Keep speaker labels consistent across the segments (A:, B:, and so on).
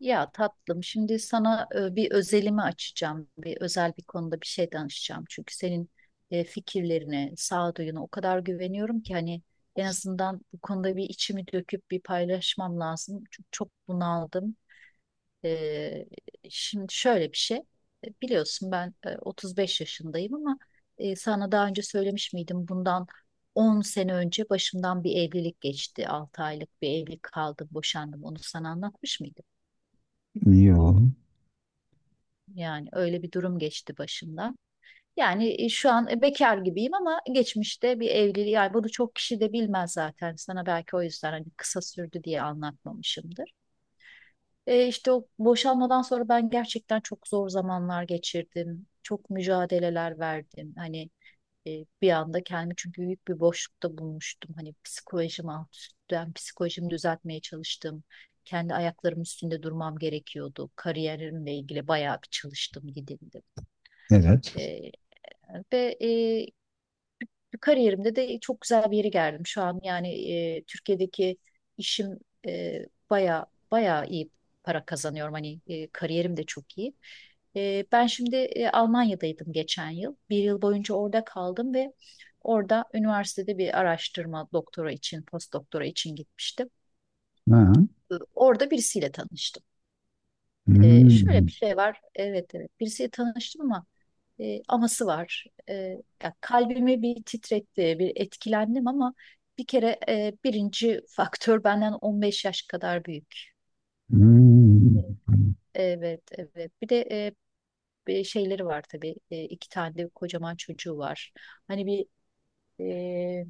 A: Ya tatlım, şimdi sana bir özelimi açacağım. Bir özel bir konuda bir şey danışacağım. Çünkü senin fikirlerine, sağduyuna o kadar güveniyorum ki hani en azından bu konuda bir içimi döküp bir paylaşmam lazım. Çünkü çok bunaldım. E, Şimdi şöyle bir şey. Biliyorsun ben 35 yaşındayım ama sana daha önce söylemiş miydim? Bundan 10 sene önce başımdan bir evlilik geçti. 6 aylık bir evlilik kaldım, boşandım. Onu sana anlatmış mıydım?
B: Yo,
A: Yani öyle bir durum geçti başımdan. Yani şu an bekar gibiyim ama geçmişte bir evliliği yani bunu çok kişi de bilmez zaten. Sana belki o yüzden hani kısa sürdü diye anlatmamışımdır. İşte o boşanmadan sonra ben gerçekten çok zor zamanlar geçirdim. Çok mücadeleler verdim. Hani bir anda kendimi çünkü büyük bir boşlukta bulmuştum. Hani psikolojim alt üst, ben psikolojimi düzeltmeye çalıştım. Kendi ayaklarımın üstünde durmam gerekiyordu. Kariyerimle ilgili bayağı bir çalıştım, gidildim.
B: evet.
A: E, ve kariyerimde de çok güzel bir yere geldim. Şu an yani Türkiye'deki işim baya baya iyi para kazanıyorum. Hani kariyerim de çok iyi. Ben şimdi Almanya'daydım geçen yıl. Bir yıl boyunca orada kaldım ve orada üniversitede bir araştırma doktora için, post doktora için gitmiştim.
B: Ha.
A: Orada birisiyle tanıştım. Şöyle
B: Hmm.
A: bir şey var. Evet evet, birisiyle tanıştım ama aması var. Ya, kalbimi bir titretti, bir etkilendim ama bir kere birinci faktör benden 15 yaş kadar büyük. E,
B: Hmm.
A: Evet, evet. Bir de bir şeyleri var tabii. İki tane de kocaman çocuğu var. Hani bir e,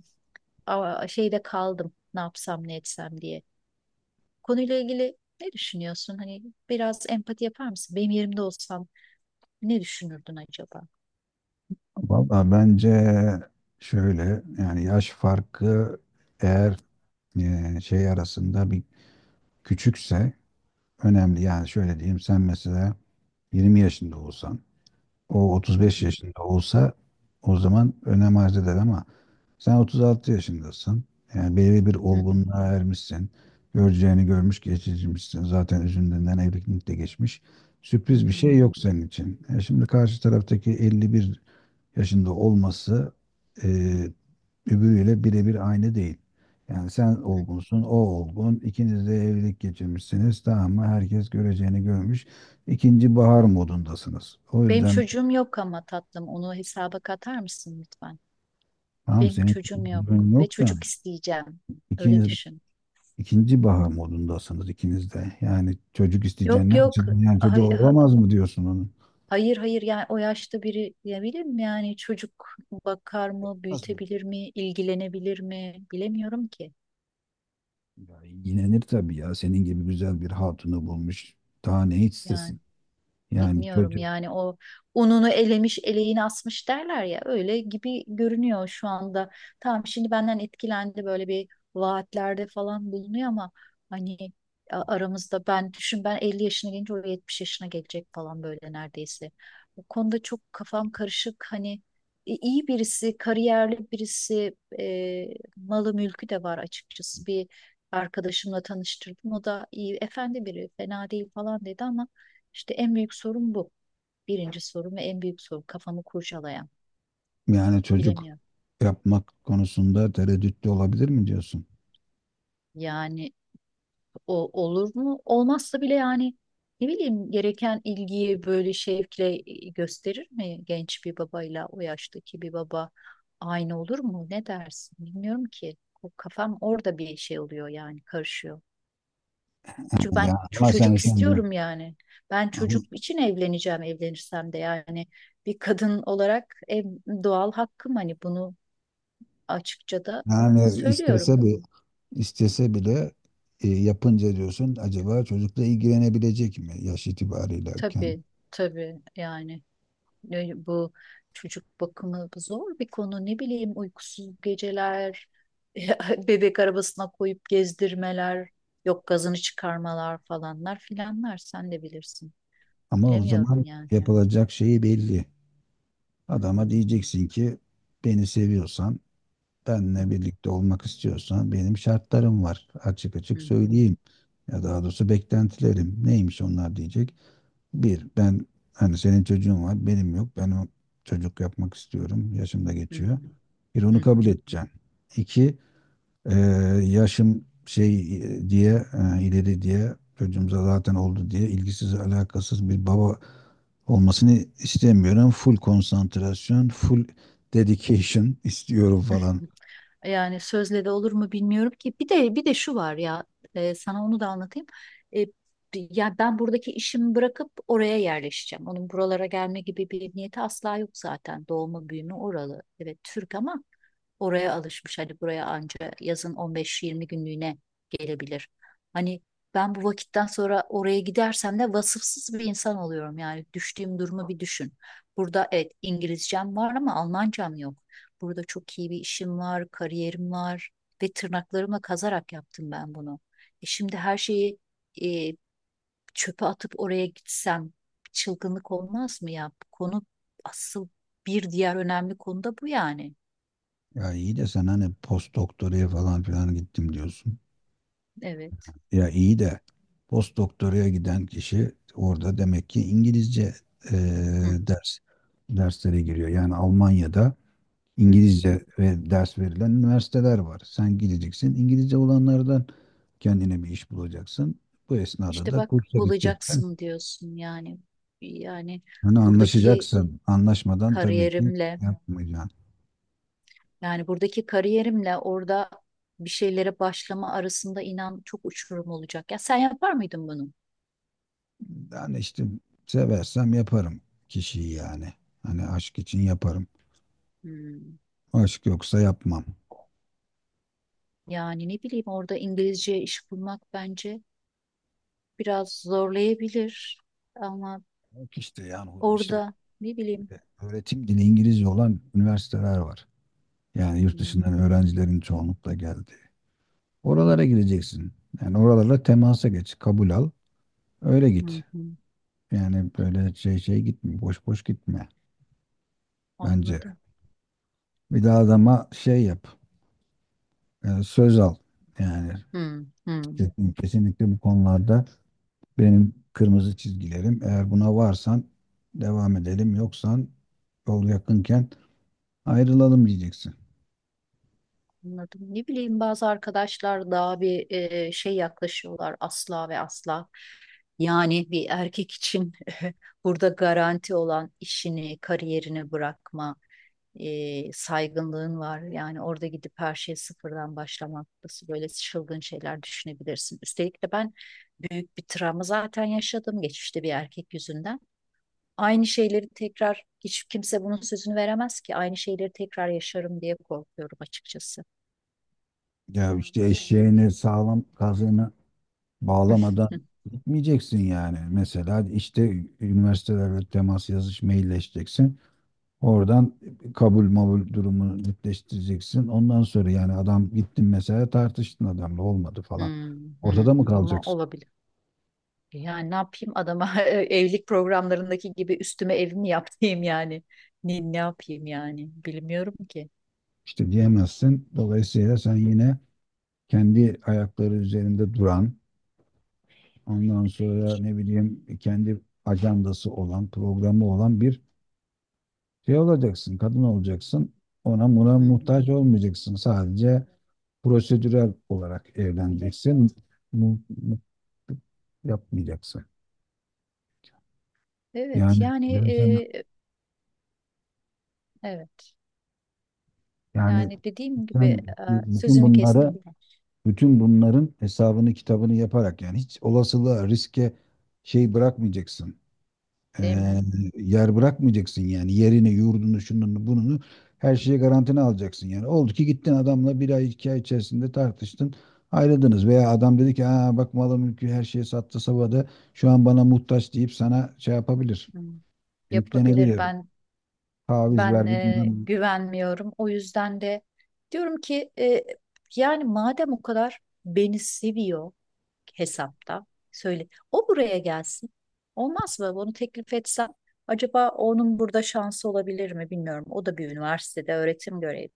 A: şeyde kaldım. Ne yapsam ne etsem diye. Konuyla ilgili ne düşünüyorsun? Hani biraz empati yapar mısın? Benim yerimde olsan ne düşünürdün acaba?
B: Valla bence şöyle, yani yaş farkı eğer şey arasında bir küçükse önemli. Yani şöyle diyeyim, sen mesela 20 yaşında olsan, o
A: Hı
B: 35
A: hı,
B: yaşında olsa o zaman önem arz eder ama sen 36 yaşındasın. Yani belirli bir
A: hı hı,
B: olgunluğa ermişsin. Göreceğini görmüş, geçirmişsin. Zaten üzerinden evlilik de geçmiş.
A: hı
B: Sürpriz bir
A: hı,
B: şey yok senin için. E şimdi karşı taraftaki 51 yaşında olması, e, öbürüyle birebir aynı değil. Yani sen
A: hı hı.
B: olgunsun, o olgun. İkiniz de evlilik geçirmişsiniz. Tamam mı? Herkes göreceğini görmüş. İkinci bahar modundasınız. O
A: Benim
B: yüzden
A: çocuğum yok ama tatlım onu hesaba katar mısın lütfen?
B: tamam,
A: Benim
B: senin
A: çocuğum
B: bir
A: yok
B: sorunun
A: ve
B: yok da
A: çocuk isteyeceğim. Öyle
B: ikiniz,
A: düşün.
B: İkinci bahar modundasınız ikiniz de. Yani çocuk isteyeceksin
A: Yok
B: ne
A: yok,
B: açıdan? Yani çocuğu
A: hay- ha-
B: olamaz mı diyorsun onun?
A: hayır hayır, yani o yaşta biri diyebilir mi, yani çocuk bakar mı,
B: Olmaz mı?
A: büyütebilir mi, ilgilenebilir mi, bilemiyorum ki
B: Ya, yinenir tabii ya. Senin gibi güzel bir hatunu bulmuş. Daha ne
A: yani.
B: istesin? Yani
A: Bilmiyorum,
B: çocuk
A: yani o ununu elemiş eleğini asmış derler ya, öyle gibi görünüyor şu anda. Tamam, şimdi benden etkilendi, böyle bir vaatlerde falan bulunuyor ama hani aramızda, ben düşün, ben 50 yaşına gelince o 70 yaşına gelecek falan, böyle neredeyse. Bu konuda çok kafam karışık, hani iyi birisi, kariyerli birisi, malı mülkü de var, açıkçası bir arkadaşımla tanıştırdım, o da iyi, efendi biri, fena değil falan dedi, ama işte en büyük sorun bu. Birinci sorun ve en büyük sorun kafamı kurcalayan.
B: yani çocuk
A: Bilemiyorum.
B: yapmak konusunda tereddütlü olabilir mi diyorsun?
A: Yani o olur mu? Olmazsa bile yani, ne bileyim, gereken ilgiyi böyle şevkle gösterir mi? Genç bir babayla o yaştaki bir baba aynı olur mu? Ne dersin? Bilmiyorum ki. O kafam orada bir şey oluyor yani, karışıyor. Çünkü ben
B: Ya ama sen
A: çocuk
B: şimdi,
A: istiyorum yani. Ben
B: ama
A: çocuk için evleneceğim, evlenirsem de yani, bir kadın olarak en doğal hakkım, hani bunu açıkça da
B: yani
A: söylüyorum.
B: istese bir, istese bile yapınca diyorsun acaba çocukla ilgilenebilecek mi yaş itibariyle kendi?
A: Tabii tabii, yani bu çocuk bakımı zor bir konu. Ne bileyim, uykusuz geceler, bebek arabasına koyup gezdirmeler, yok gazını çıkarmalar, falanlar filanlar, sen de bilirsin.
B: Ama o
A: Bilemiyorum
B: zaman
A: yani.
B: yapılacak şeyi belli.
A: Hı
B: Adama
A: hı,
B: diyeceksin ki, beni seviyorsan,
A: hı
B: benle birlikte olmak istiyorsan benim şartlarım var. Açık
A: hı,
B: açık
A: hı
B: söyleyeyim. Ya daha doğrusu beklentilerim. Neymiş onlar diyecek. Bir, ben, hani senin çocuğun var, benim yok. Ben o çocuk yapmak istiyorum. Yaşım da
A: hı, hı
B: geçiyor. Bir,
A: hı,
B: onu
A: hı
B: kabul edeceğim. İki, ee, yaşım ileri diye çocuğumuza zaten oldu diye ilgisiz alakasız bir baba olmasını istemiyorum. Full konsantrasyon, full dedication istiyorum
A: hı.
B: falan.
A: Yani sözle de olur mu bilmiyorum ki. Bir de şu var ya, sana onu da anlatayım. E, ya ben buradaki işimi bırakıp oraya yerleşeceğim. Onun buralara gelme gibi bir niyeti asla yok zaten. Doğma büyüme oralı. Evet, Türk ama oraya alışmış. Hani buraya anca yazın 15-20 günlüğüne gelebilir. Hani ben bu vakitten sonra oraya gidersem de vasıfsız bir insan oluyorum. Yani düştüğüm durumu bir düşün. Burada evet, İngilizcem var ama Almancam yok. Burada çok iyi bir işim var, kariyerim var ve tırnaklarıma kazarak yaptım ben bunu. Şimdi her şeyi e, çöpe atıp oraya gitsem çılgınlık olmaz mı ya? Bu konu asıl, bir diğer önemli konu da bu yani.
B: Ya iyi de sen hani post doktoraya falan filan gittim diyorsun.
A: Evet.
B: Ya iyi de, post doktoraya giden kişi orada demek ki İngilizce e,
A: Hı hı,
B: ders derslere giriyor. Yani Almanya'da
A: hı hı.
B: İngilizce ve ders verilen üniversiteler var. Sen gideceksin. İngilizce olanlardan kendine bir iş bulacaksın. Bu esnada
A: İşte
B: da
A: bak,
B: kursa gideceksin.
A: bulacaksın diyorsun yani. Yani
B: Hani
A: buradaki
B: anlaşacaksın. Anlaşmadan tabii ki
A: kariyerimle
B: yapmayacaksın.
A: buradaki kariyerimle orada bir şeylere başlama arasında inan çok uçurum olacak. Ya sen yapar mıydın bunu?
B: Yani işte, seversem yaparım kişiyi yani. Hani aşk için yaparım.
A: Hmm.
B: Aşk yoksa yapmam.
A: Yani ne bileyim, orada İngilizce iş bulmak bence biraz zorlayabilir ama
B: Yok işte, yani işte
A: orada ne bileyim.
B: öğretim dili İngilizce olan üniversiteler var. Yani yurt
A: Hmm.
B: dışından öğrencilerin çoğunlukla geldi. Oralara gireceksin. Yani oralarla temasa geç, kabul al. Öyle
A: Hı
B: git.
A: hı.
B: Yani böyle şey gitme. Boş boş gitme. Bence.
A: Anladım.
B: Bir daha adama şey yap. Söz al. Yani
A: Hı hı.
B: kesinlikle bu konularda benim kırmızı çizgilerim. Eğer buna varsan devam edelim. Yoksan yol yakınken ayrılalım diyeceksin.
A: Anladım. Ne bileyim, bazı arkadaşlar daha bir şey yaklaşıyorlar, asla ve asla. Yani bir erkek için burada garanti olan işini, kariyerini bırakma, saygınlığın var. Yani orada gidip her şeyi sıfırdan başlamak, nasıl böyle çılgın şeyler düşünebilirsin? Üstelik de ben büyük bir travma zaten yaşadım geçmişte, bir erkek yüzünden. Aynı şeyleri tekrar, hiç kimse bunun sözünü veremez ki. Aynı şeyleri tekrar yaşarım diye korkuyorum açıkçası.
B: Ya işte eşeğini sağlam kazığını bağlamadan gitmeyeceksin yani. Mesela işte üniversitelerle temas, yazış, mailleşeceksin. Oradan kabul mabul durumunu netleştireceksin. Ondan sonra yani adam, gittin mesela, tartıştın adamla, olmadı falan.
A: Hmm, hmm.
B: Ortada mı
A: Ama
B: kalacaksın?
A: olabilir. Yani ne yapayım adama evlilik programlarındaki gibi üstüme ev mi yaptırayım yani? Ne yapayım yani? Bilmiyorum ki.
B: İşte diyemezsin. Dolayısıyla sen yine kendi ayakları üzerinde duran, ondan sonra ne bileyim kendi ajandası olan, programı olan bir şey olacaksın. Kadın olacaksın. Ona buna
A: Hı hı.
B: muhtaç olmayacaksın. Sadece prosedürel olarak evleneceksin. Mu- mu- Yapmayacaksın.
A: Evet,
B: Yani
A: yani
B: ben sana,
A: evet.
B: yani
A: Yani dediğim gibi,
B: sen bütün
A: sözünü
B: bunları,
A: kestim ben,
B: bütün bunların hesabını kitabını yaparak yani hiç olasılığa, riske şey bırakmayacaksın. Ee,
A: değil mi?
B: Yer bırakmayacaksın yani, yerini, yurdunu, şununu, bununu, her şeyi garantine alacaksın yani. Oldu ki gittin adamla bir ay iki ay içerisinde tartıştın, ayrıldınız veya adam dedi ki, aa, bak malı mülkü her şeyi sattı sabada şu an bana muhtaç deyip sana şey yapabilir,
A: Hı. Yapabilir.
B: yüklenebilir,
A: ben
B: taviz
A: ben
B: ver
A: e,
B: bilmem.
A: güvenmiyorum. O yüzden de diyorum ki, yani madem o kadar beni seviyor hesapta. Söyle, o buraya gelsin. Olmaz mı? Bunu teklif etsem acaba onun burada şansı olabilir mi bilmiyorum. O da bir üniversitede öğretim görevi.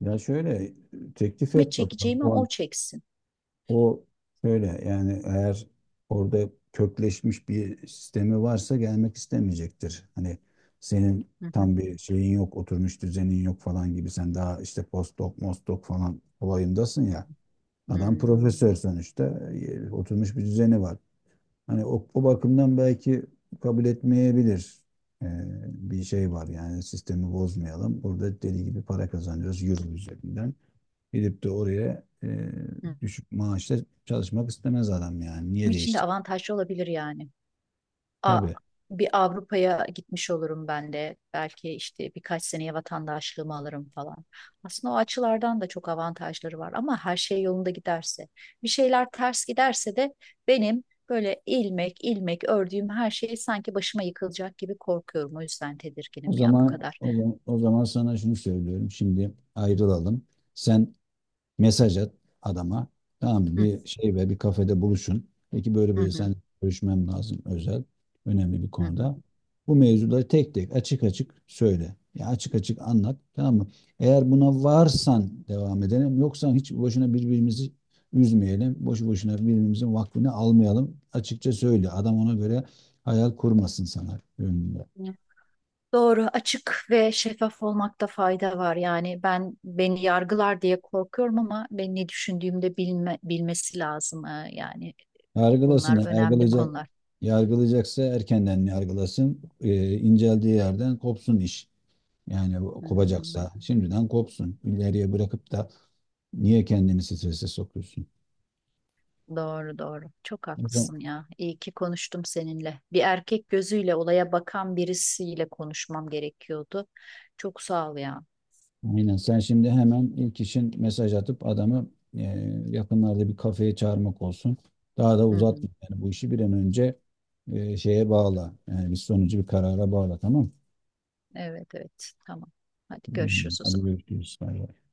B: Ya şöyle, teklif
A: Ve
B: et bakalım.
A: çekeceğimi
B: O
A: o çeksin.
B: O şöyle yani, eğer orada kökleşmiş bir sistemi varsa gelmek istemeyecektir. Hani senin
A: Hı hı,
B: tam bir şeyin yok, oturmuş düzenin yok falan gibi, sen daha işte postdoc, mostdoc falan olayındasın
A: hı hı,
B: ya.
A: hı.
B: Adam profesör sonuçta, oturmuş bir düzeni var. Hani o bakımdan belki kabul etmeyebilir. Ee, Bir şey var yani, sistemi bozmayalım. Burada deli gibi para kazanıyoruz euro üzerinden. Gidip de oraya
A: Hı.
B: düşük maaşla çalışmak istemez adam yani. Niye
A: Benim için de
B: değişti?
A: avantajlı olabilir yani. A-
B: Tabii.
A: bir Avrupa'ya gitmiş olurum ben de. Belki işte birkaç seneye vatandaşlığımı alırım falan. Aslında o açılardan da çok avantajları var ama her şey yolunda giderse. Bir şeyler ters giderse de benim böyle ilmek ilmek ördüğüm her şey sanki başıma yıkılacak gibi korkuyorum. O yüzden
B: O
A: tedirginim ya bu
B: zaman
A: kadar.
B: o zaman sana şunu söylüyorum. Şimdi ayrılalım. Sen, mesaj at adama. Tamam
A: Hı,
B: bir şey ve bir kafede buluşun. Peki böyle
A: hı,
B: böyle,
A: hı,
B: sen görüşmem lazım özel, önemli bir
A: hı. Hı.
B: konuda. Bu mevzuları tek tek açık açık söyle. Ya açık açık anlat. Tamam mı? Eğer buna varsan devam edelim. Yoksa hiç boşuna birbirimizi üzmeyelim. Boşu boşuna birbirimizin vaktini almayalım. Açıkça söyle. Adam ona göre hayal kurmasın sana önünde.
A: Doğru, açık ve şeffaf olmakta fayda var. Yani ben, beni yargılar diye korkuyorum ama ben ne düşündüğümde bilmesi lazım. Yani,
B: Yargılasın.
A: bunlar önemli konular.
B: Yargılayacaksa erkenden yargılasın. İnceldiği yerden kopsun iş. Yani
A: Hmm.
B: kopacaksa şimdiden kopsun. İleriye bırakıp da niye kendini strese sokuyorsun?
A: Doğru doğru. Çok
B: O zaman
A: haklısın ya. İyi ki konuştum seninle. Bir erkek gözüyle olaya bakan birisiyle konuşmam gerekiyordu. Çok sağ ol ya.
B: aynen, sen şimdi hemen ilk işin mesaj atıp adamı e, yakınlarda bir kafeye çağırmak olsun. Daha da
A: Hı
B: uzatma
A: hı.
B: yani, bu işi bir an önce şeye bağla. Yani bir sonucu bir karara bağla, tamam mı?
A: Evet, evet. Tamam. Hadi
B: Hı hı.
A: görüşürüz o
B: Hadi
A: zaman.
B: görüşürüz. Bay bay.